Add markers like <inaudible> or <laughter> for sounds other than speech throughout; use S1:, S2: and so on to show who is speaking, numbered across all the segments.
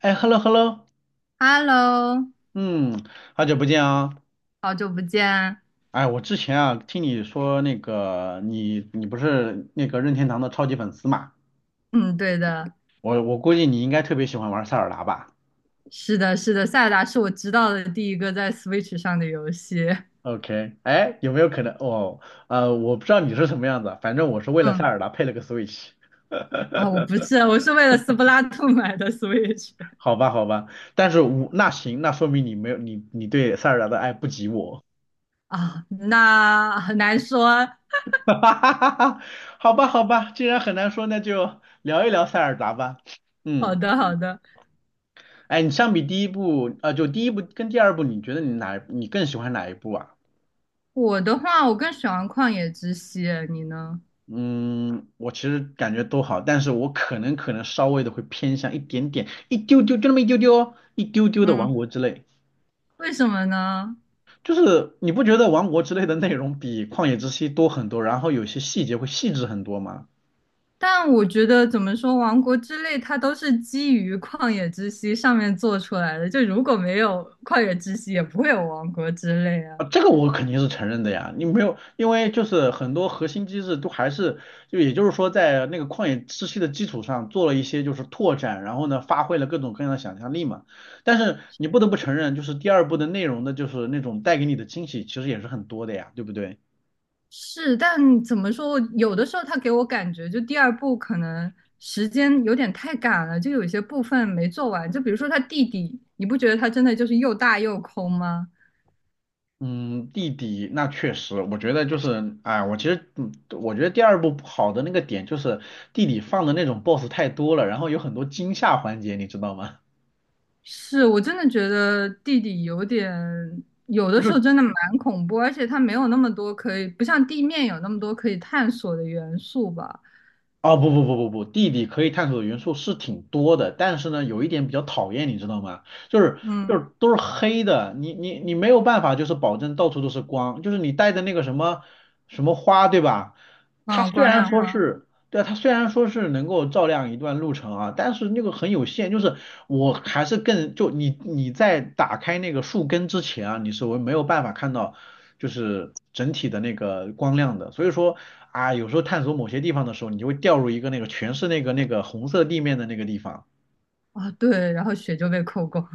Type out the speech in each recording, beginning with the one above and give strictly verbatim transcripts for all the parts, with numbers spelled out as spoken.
S1: 哎，hello hello，
S2: Hello，
S1: 嗯，好久不见啊！
S2: 好久不见。
S1: 哎，我之前啊听你说那个你你不是那个任天堂的超级粉丝嘛？
S2: 嗯，对的。
S1: 我我估计你应该特别喜欢玩塞尔达吧
S2: 是的，是的，塞尔达是我知道的第一个在 Switch 上的游戏。
S1: ？OK，哎，有没有可能哦？呃，我不知道你是什么样子，反正我是为了塞
S2: 嗯，
S1: 尔达配了个 Switch，
S2: 啊、我不是，我是为了斯普拉遁买的 Switch。
S1: 好吧好吧，但是我那行，那说明你没有你你对塞尔达的爱不及我，
S2: <laughs> 啊，那很难说。
S1: <laughs> 哈哈哈哈哈，好吧好吧，既然很难说，那就聊一聊塞尔达吧，
S2: 好
S1: 嗯。
S2: 的，好的。
S1: 哎，你相比第一部，呃，就第一部跟第二部，你觉得你哪你更喜欢哪一部啊？
S2: 我的话，我更喜欢旷野之息，你呢？
S1: 嗯，我其实感觉都好，但是我可能可能稍微的会偏向一点点，一丢丢，就那么一丢丢哦，一丢丢的《王
S2: 嗯，
S1: 国之泪》，
S2: 为什么呢？
S1: 就是你不觉得《王国之泪》的内容比《旷野之息》多很多，然后有些细节会细致很多吗？
S2: 但我觉得怎么说，王国之泪它都是基于旷野之息上面做出来的，就如果没有旷野之息，也不会有王国之泪啊。
S1: 啊，这个我肯定是承认的呀，你没有，因为就是很多核心机制都还是，就也就是说在那个旷野之息的基础上做了一些就是拓展，然后呢发挥了各种各样的想象力嘛。但是你不得不承认，就是第二部的内容的，就是那种带给你的惊喜其实也是很多的呀，对不对？
S2: 是，但怎么说，有的时候他给我感觉，就第二部可能时间有点太赶了，就有些部分没做完。就比如说他弟弟，你不觉得他真的就是又大又空吗？
S1: 嗯，弟弟，那确实，我觉得就是，哎，我其实，嗯，我觉得第二部不好的那个点就是弟弟放的那种 B O S S 太多了，然后有很多惊吓环节，你知道吗？<laughs>
S2: 是我真的觉得弟弟有点，有
S1: 不
S2: 的时候
S1: 是。
S2: 真的蛮恐怖，而且他没有那么多可以，不像地面有那么多可以探索的元素吧。
S1: 哦，不不不不不，地理可以探索的元素是挺多的，但是呢，有一点比较讨厌，你知道吗？就是就
S2: 嗯
S1: 是都是黑的，你你你没有办法，就是保证到处都是光，就是你带的那个什么什么花，对吧？它
S2: 嗯，
S1: 虽
S2: 光
S1: 然
S2: 亮
S1: 说
S2: 花。
S1: 是对啊，它虽然说是能够照亮一段路程啊，但是那个很有限，就是我还是更就你你在打开那个树根之前啊，你是我没有办法看到就是整体的那个光亮的，所以说啊，有时候探索某些地方的时候，你就会掉入一个那个全是那个那个红色地面的那个地方，
S2: 啊，对，然后血就被扣光。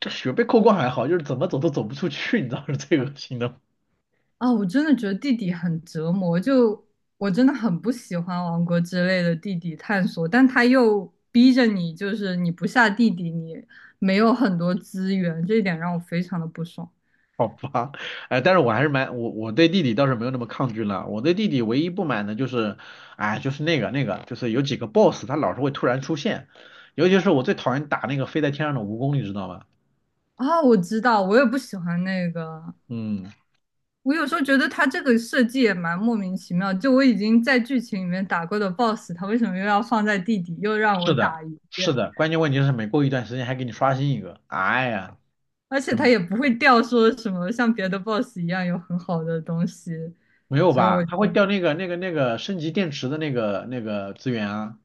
S1: 这雪被扣光还好，就是怎么走都走不出去，你知道是最恶心的
S2: 啊，我真的觉得地底很折磨，就我真的很不喜欢王国之类的地底探索，但他又逼着你，就是你不下地底，你没有很多资源，这一点让我非常的不爽。
S1: 好吧，哎，但是我还是蛮我我对弟弟倒是没有那么抗拒了。我对弟弟唯一不满的就是，哎，就是那个那个，就是有几个 boss 他老是会突然出现，尤其是我最讨厌打那个飞在天上的蜈蚣，你知道吗？
S2: 啊，我知道，我也不喜欢那个。
S1: 嗯，
S2: 我有时候觉得他这个设计也蛮莫名其妙，就我已经在剧情里面打过的 B O S S，他为什么又要放在地底，又让我
S1: 是的，
S2: 打一
S1: 是
S2: 遍？
S1: 的，关键问题是每过一段时间还给你刷新一个，哎呀，
S2: 而且他
S1: 嗯，
S2: 也不会掉说什么像别的 B O S S 一样有很好的东西，
S1: 没有
S2: 所以
S1: 吧？
S2: 我就。
S1: 他会掉那个那个那个升级电池的那个那个资源啊，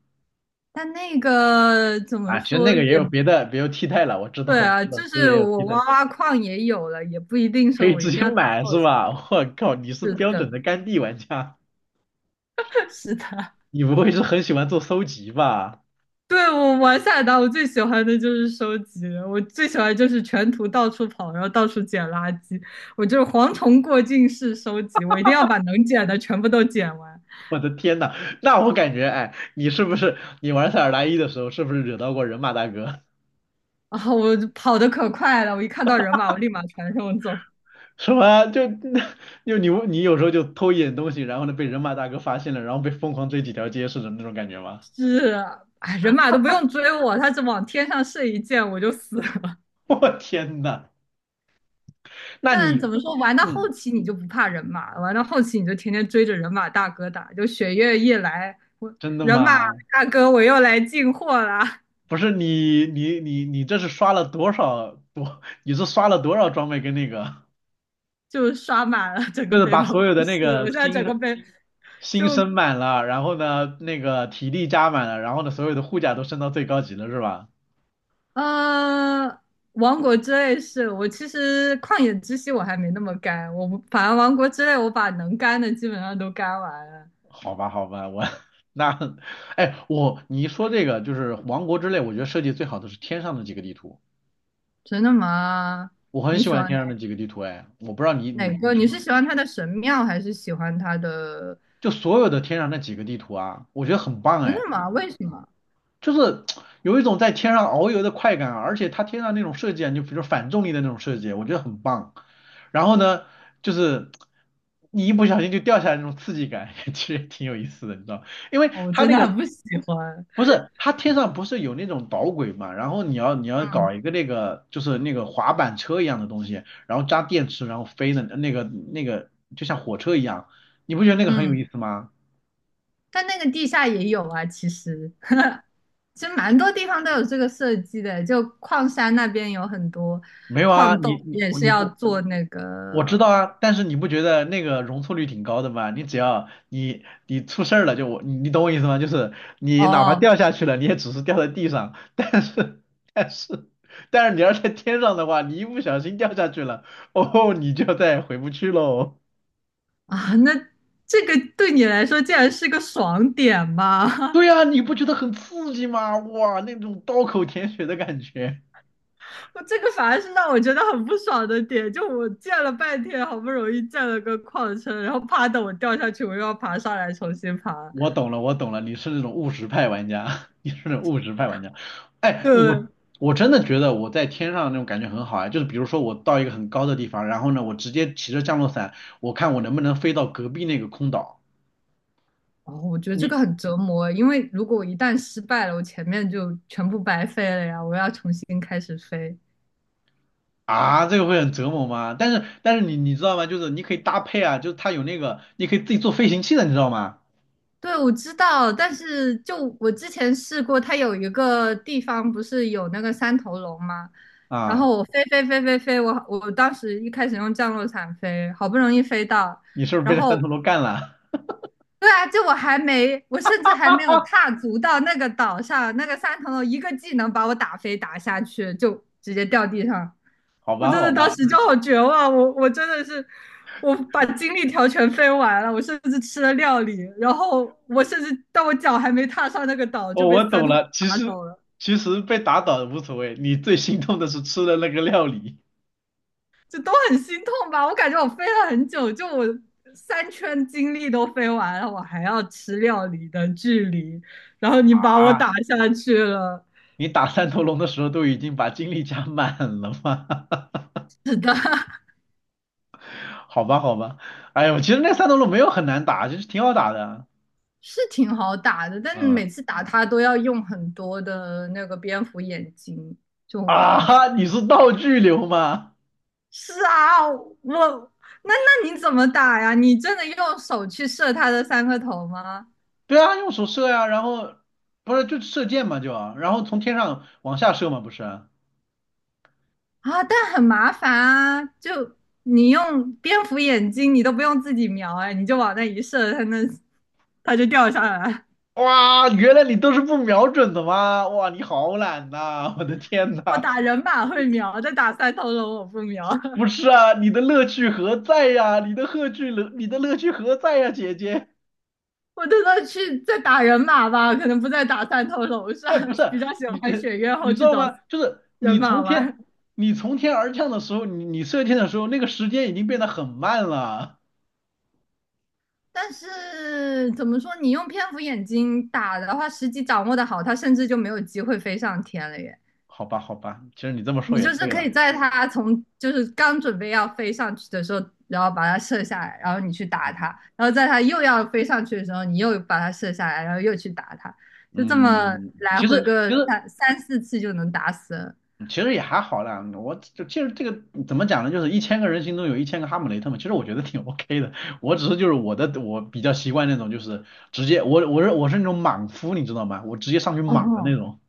S2: 但那个怎么
S1: 啊，其实那
S2: 说
S1: 个
S2: 也
S1: 也有别的，别有替代了，我知道
S2: 对
S1: 我知
S2: 啊，
S1: 道，
S2: 就
S1: 就是
S2: 是
S1: 也有
S2: 我
S1: 替代。
S2: 挖挖矿也有了，也不一定
S1: 可
S2: 说
S1: 以
S2: 我一
S1: 直
S2: 定
S1: 接
S2: 要打
S1: 买是吧？<laughs> 我靠，你是
S2: B O S S。是
S1: 标
S2: 的，
S1: 准的肝地玩家，
S2: <laughs> 是的。
S1: 你不会是很喜欢做搜集吧？
S2: <laughs> 对，我玩塞尔达，我最喜欢的就是收集了，我最喜欢就是全图到处跑，然后到处捡垃圾，我就是蝗虫过境式收集，我一定要把能捡的全部都捡完。
S1: 我的天呐，那我感觉，哎，你是不是你玩塞尔达一的时候，是不是惹到过人马大哥？
S2: 然后我就跑得可快了，我一看到人马，我立马传送走。
S1: <laughs> 什么？就 <laughs> 就你你有时候就偷一点东西，然后呢被人马大哥发现了，然后被疯狂追几条街似的那种感觉吗？
S2: 是啊，哎，人马都不用追我，他只往天上射一箭，我就死了。
S1: <laughs> 我天呐，那你，
S2: 但怎么说，玩到后
S1: 嗯，
S2: 期你就不怕人马，玩到后期你就天天追着人马大哥打，就雪月一来，我
S1: 真的
S2: 人马
S1: 吗？
S2: 大哥我又来进货啦，
S1: 不是你你你你这是刷了多少多？你是刷了多少装备跟那个？
S2: 就刷满了整
S1: 就
S2: 个
S1: 是
S2: 背
S1: 把
S2: 包都
S1: 所有的那
S2: 是。我
S1: 个
S2: 现在整
S1: 心
S2: 个背
S1: 心
S2: 就
S1: 升满了，然后呢，那个体力加满了，然后呢，所有的护甲都升到最高级了，是吧？
S2: 呃，王国之泪是我其实旷野之息我还没那么干，我不反正王国之泪我把能干的基本上都干完了。
S1: 好吧，好吧，我 <laughs> 那，哎，我你一说这个就是王国之泪，我觉得设计最好的是天上的几个地图，
S2: 真的吗？
S1: 我很
S2: 你
S1: 喜
S2: 喜
S1: 欢
S2: 欢
S1: 天
S2: 哪
S1: 上的几个地图，哎，我不知道你
S2: 哪
S1: 你你
S2: 个？
S1: 什
S2: 你
S1: 么，
S2: 是喜欢他的神庙还是喜欢他的？
S1: 就所有的天上那几个地图啊，我觉得很棒，
S2: 真的
S1: 哎。
S2: 吗？为什么？
S1: 就是有一种在天上遨游的快感啊，而且它天上那种设计啊，就比如反重力的那种设计，我觉得很棒。然后呢，就是你一不小心就掉下来那种刺激感，<laughs> 其实挺有意思的，你知道？因为
S2: 我
S1: 它
S2: 真
S1: 那
S2: 的
S1: 个
S2: 很不喜欢。
S1: 不是它天上不是有那种导轨嘛，然后你要你要搞
S2: 嗯
S1: 一个那个就是那个滑板车一样的东西，然后扎电池然后飞的那个那个就像火车一样，你不觉得那个很有
S2: 嗯，
S1: 意思吗？
S2: 但那个地下也有啊，其实 <laughs> 其实蛮多地方都有这个设计的，就矿山那边有很多
S1: 没有啊，
S2: 矿洞
S1: 你你
S2: 也
S1: 我
S2: 是
S1: 你
S2: 要
S1: 我
S2: 做那个。
S1: 我知道啊，但是你不觉得那个容错率挺高的吗？你只要你你出事儿了，就我你你懂我意思吗？就是你哪怕
S2: 哦
S1: 掉下去了，你也只是掉在地上，<laughs> 但是但是但是你要在天上的话，你一不小心掉下去了，哦，你就再也回不去喽。
S2: 啊，那这个对你来说竟然是个爽点吗？<laughs>
S1: 对呀，你不觉得很刺激吗？哇，那种刀口舔血的感觉。
S2: 我这个反而是让我觉得很不爽的点，就我建了半天，好不容易建了个矿车，然后啪的我掉下去，我又要爬上来重新爬。
S1: 我懂了，我懂了，你是那种务实派玩家，<laughs> 你是那种务实派玩家。
S2: <laughs>
S1: 哎，
S2: 对。
S1: 我我真的觉得我在天上那种感觉很好啊，就是比如说我到一个很高的地方，然后呢，我直接骑着降落伞，我看我能不能飞到隔壁那个空岛。
S2: 哦，我觉得这
S1: 你
S2: 个很折磨，因为如果我一旦失败了，我前面就全部白费了呀，我要重新开始飞。
S1: 啊，这个会很折磨吗？但是但是你你知道吗？就是你可以搭配啊，就是它有那个，你可以自己做飞行器的，你知道吗？
S2: 对，我知道，但是就我之前试过，它有一个地方不是有那个三头龙吗？然
S1: 啊，
S2: 后我飞飞飞飞飞，我我当时一开始用降落伞飞，好不容易飞到，
S1: 你是不是被
S2: 然
S1: 那三头
S2: 后
S1: 龙干了？
S2: 对啊，就我还没，我甚至还没有踏足到那个岛上，那个三层楼一个技能把我打飞打下去，就直接掉地上。
S1: <laughs> 好
S2: 我
S1: 吧，
S2: 真的
S1: 好
S2: 当
S1: 吧，
S2: 时就好绝望，我我真的是，我把精力条全飞完了，我甚至吃了料理，然后我甚至到我脚还没踏上那个岛就
S1: 哦，
S2: 被
S1: 我
S2: 三
S1: 懂
S2: 头
S1: 了。其
S2: 打
S1: 实
S2: 走了，
S1: 其实被打倒无所谓，你最心痛的是吃了那个料理。
S2: 就都很心痛吧。我感觉我飞了很久，就我三圈精力都飞完了，我还要吃料理的距离，然后你把我
S1: 啊，
S2: 打下去了。
S1: 你打 <laughs> 三头龙的时候都已经把精力加满了吗？
S2: 是的，<laughs>
S1: <laughs> 好吧，好吧，哎呦，其实那三头龙没有很难打，就是挺好打的。
S2: 是挺好打的，但
S1: 嗯
S2: 每次打他都要用很多的那个蝙蝠眼睛，就
S1: 啊
S2: 很。
S1: 哈，你是道具流吗？
S2: 是啊，我那那你怎么打呀？你真的用手去射他的三个头吗？
S1: 对啊，用手射呀、然后不是就射箭嘛就啊，然后从天上往下射嘛不是啊？
S2: 啊，但很麻烦啊，就你用蝙蝠眼睛，你都不用自己瞄，哎，你就往那一射，他那他就掉下来。
S1: 哇，原来你都是不瞄准的吗？哇，你好懒呐、我的天
S2: <laughs> 我
S1: 呐，
S2: 打人马会瞄，但打三头龙我不瞄。
S1: 不是啊，你的乐趣何在呀、你的乐趣何，你的乐趣何在呀、姐姐？
S2: 我真的去在打人马吧，可能不在打三头龙上，
S1: 哎，不
S2: <laughs>
S1: 是，
S2: 比较喜
S1: 你
S2: 欢
S1: 这
S2: 选月
S1: 你
S2: 后
S1: 知
S2: 去
S1: 道
S2: 找
S1: 吗？就是
S2: 人
S1: 你
S2: 马
S1: 从天
S2: 玩。
S1: 你从天而降的时候，你你射箭的时候，那个时间已经变得很慢了。
S2: 但是怎么说，你用蝙蝠眼睛打的话，时机掌握的好，它甚至就没有机会飞上天了耶。
S1: 好吧，好吧，其实你这么说
S2: 你
S1: 也
S2: 就是
S1: 对
S2: 可以
S1: 了。
S2: 在它从就是刚准备要飞上去的时候，然后把它射下来，然后你去打它，
S1: 嗯
S2: 然后在它又要飞上去的时候，你又把它射下来，然后又去打它，就这么
S1: 嗯，
S2: 来
S1: 其
S2: 回
S1: 实
S2: 个
S1: 其实
S2: 三三四次就能打死了。
S1: 其实也还好啦。我就其实这个怎么讲呢？就是一千个人心中有一千个哈姆雷特嘛。其实我觉得挺 <laughs> OK 的。我只是就是我的我比较习惯那种就是直接我我是我是那种莽夫，你知道吗？我直接上去莽的那
S2: 哦，
S1: 种。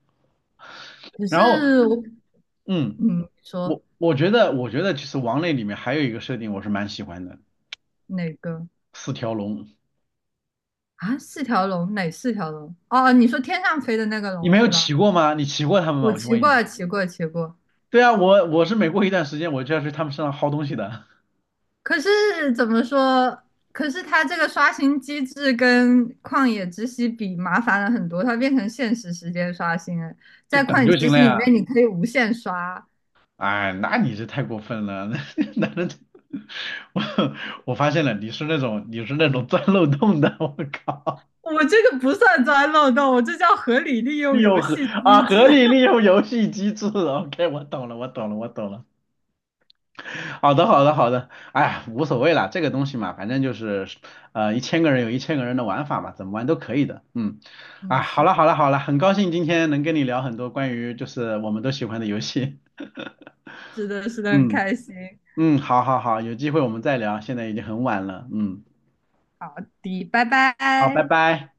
S2: 可是
S1: 然后
S2: 我，
S1: 嗯。
S2: 嗯，说
S1: 我我觉得，我觉得其实王类里面还有一个设定我是蛮喜欢的，
S2: 哪个
S1: 四条龙。
S2: 啊？四条龙哪四条龙？哦，你说天上飞的那个
S1: 你
S2: 龙
S1: 没有
S2: 是吧？
S1: 骑过吗？你骑过他们吗？
S2: 我
S1: 我先
S2: 骑
S1: 问一下。
S2: 过，骑过，骑过。
S1: 对啊，我我是每过一段时间我就要去他们身上薅东西的，
S2: 可是怎么说？可是它这个刷新机制跟旷野之息比麻烦了很多，它变成限时时间刷新了。
S1: <laughs> 就
S2: 在
S1: 等
S2: 旷野
S1: 就行
S2: 之
S1: 了
S2: 息里面，
S1: 呀。
S2: 你可以无限刷。
S1: 哎，那你这太过分了，<laughs> 那那那。<laughs> 我我发现了，你是那种你是那种钻漏洞的，我靠，
S2: 我这个不算钻漏洞，我这叫合理利
S1: <laughs> 利
S2: 用游
S1: 用合
S2: 戏
S1: 啊
S2: 机制。
S1: 合理利
S2: <laughs>
S1: 用游戏机制，OK，我懂了，我懂了，我懂了。<laughs> 好的，好的，好的，哎呀，无所谓啦，这个东西嘛，反正就是，呃，一千个人有一千个人的玩法嘛，怎么玩都可以的，嗯，
S2: 嗯，
S1: 啊，好
S2: 是
S1: 了，好了，
S2: 的，
S1: 好了，很高兴今天能跟你聊很多关于就是我们都喜欢的游戏，
S2: 是的，是
S1: <laughs>
S2: 的，很
S1: 嗯
S2: 开心。
S1: 嗯，好好好，有机会我们再聊，现在已经很晚了，嗯，
S2: 好的，拜
S1: 好，拜
S2: 拜。
S1: 拜。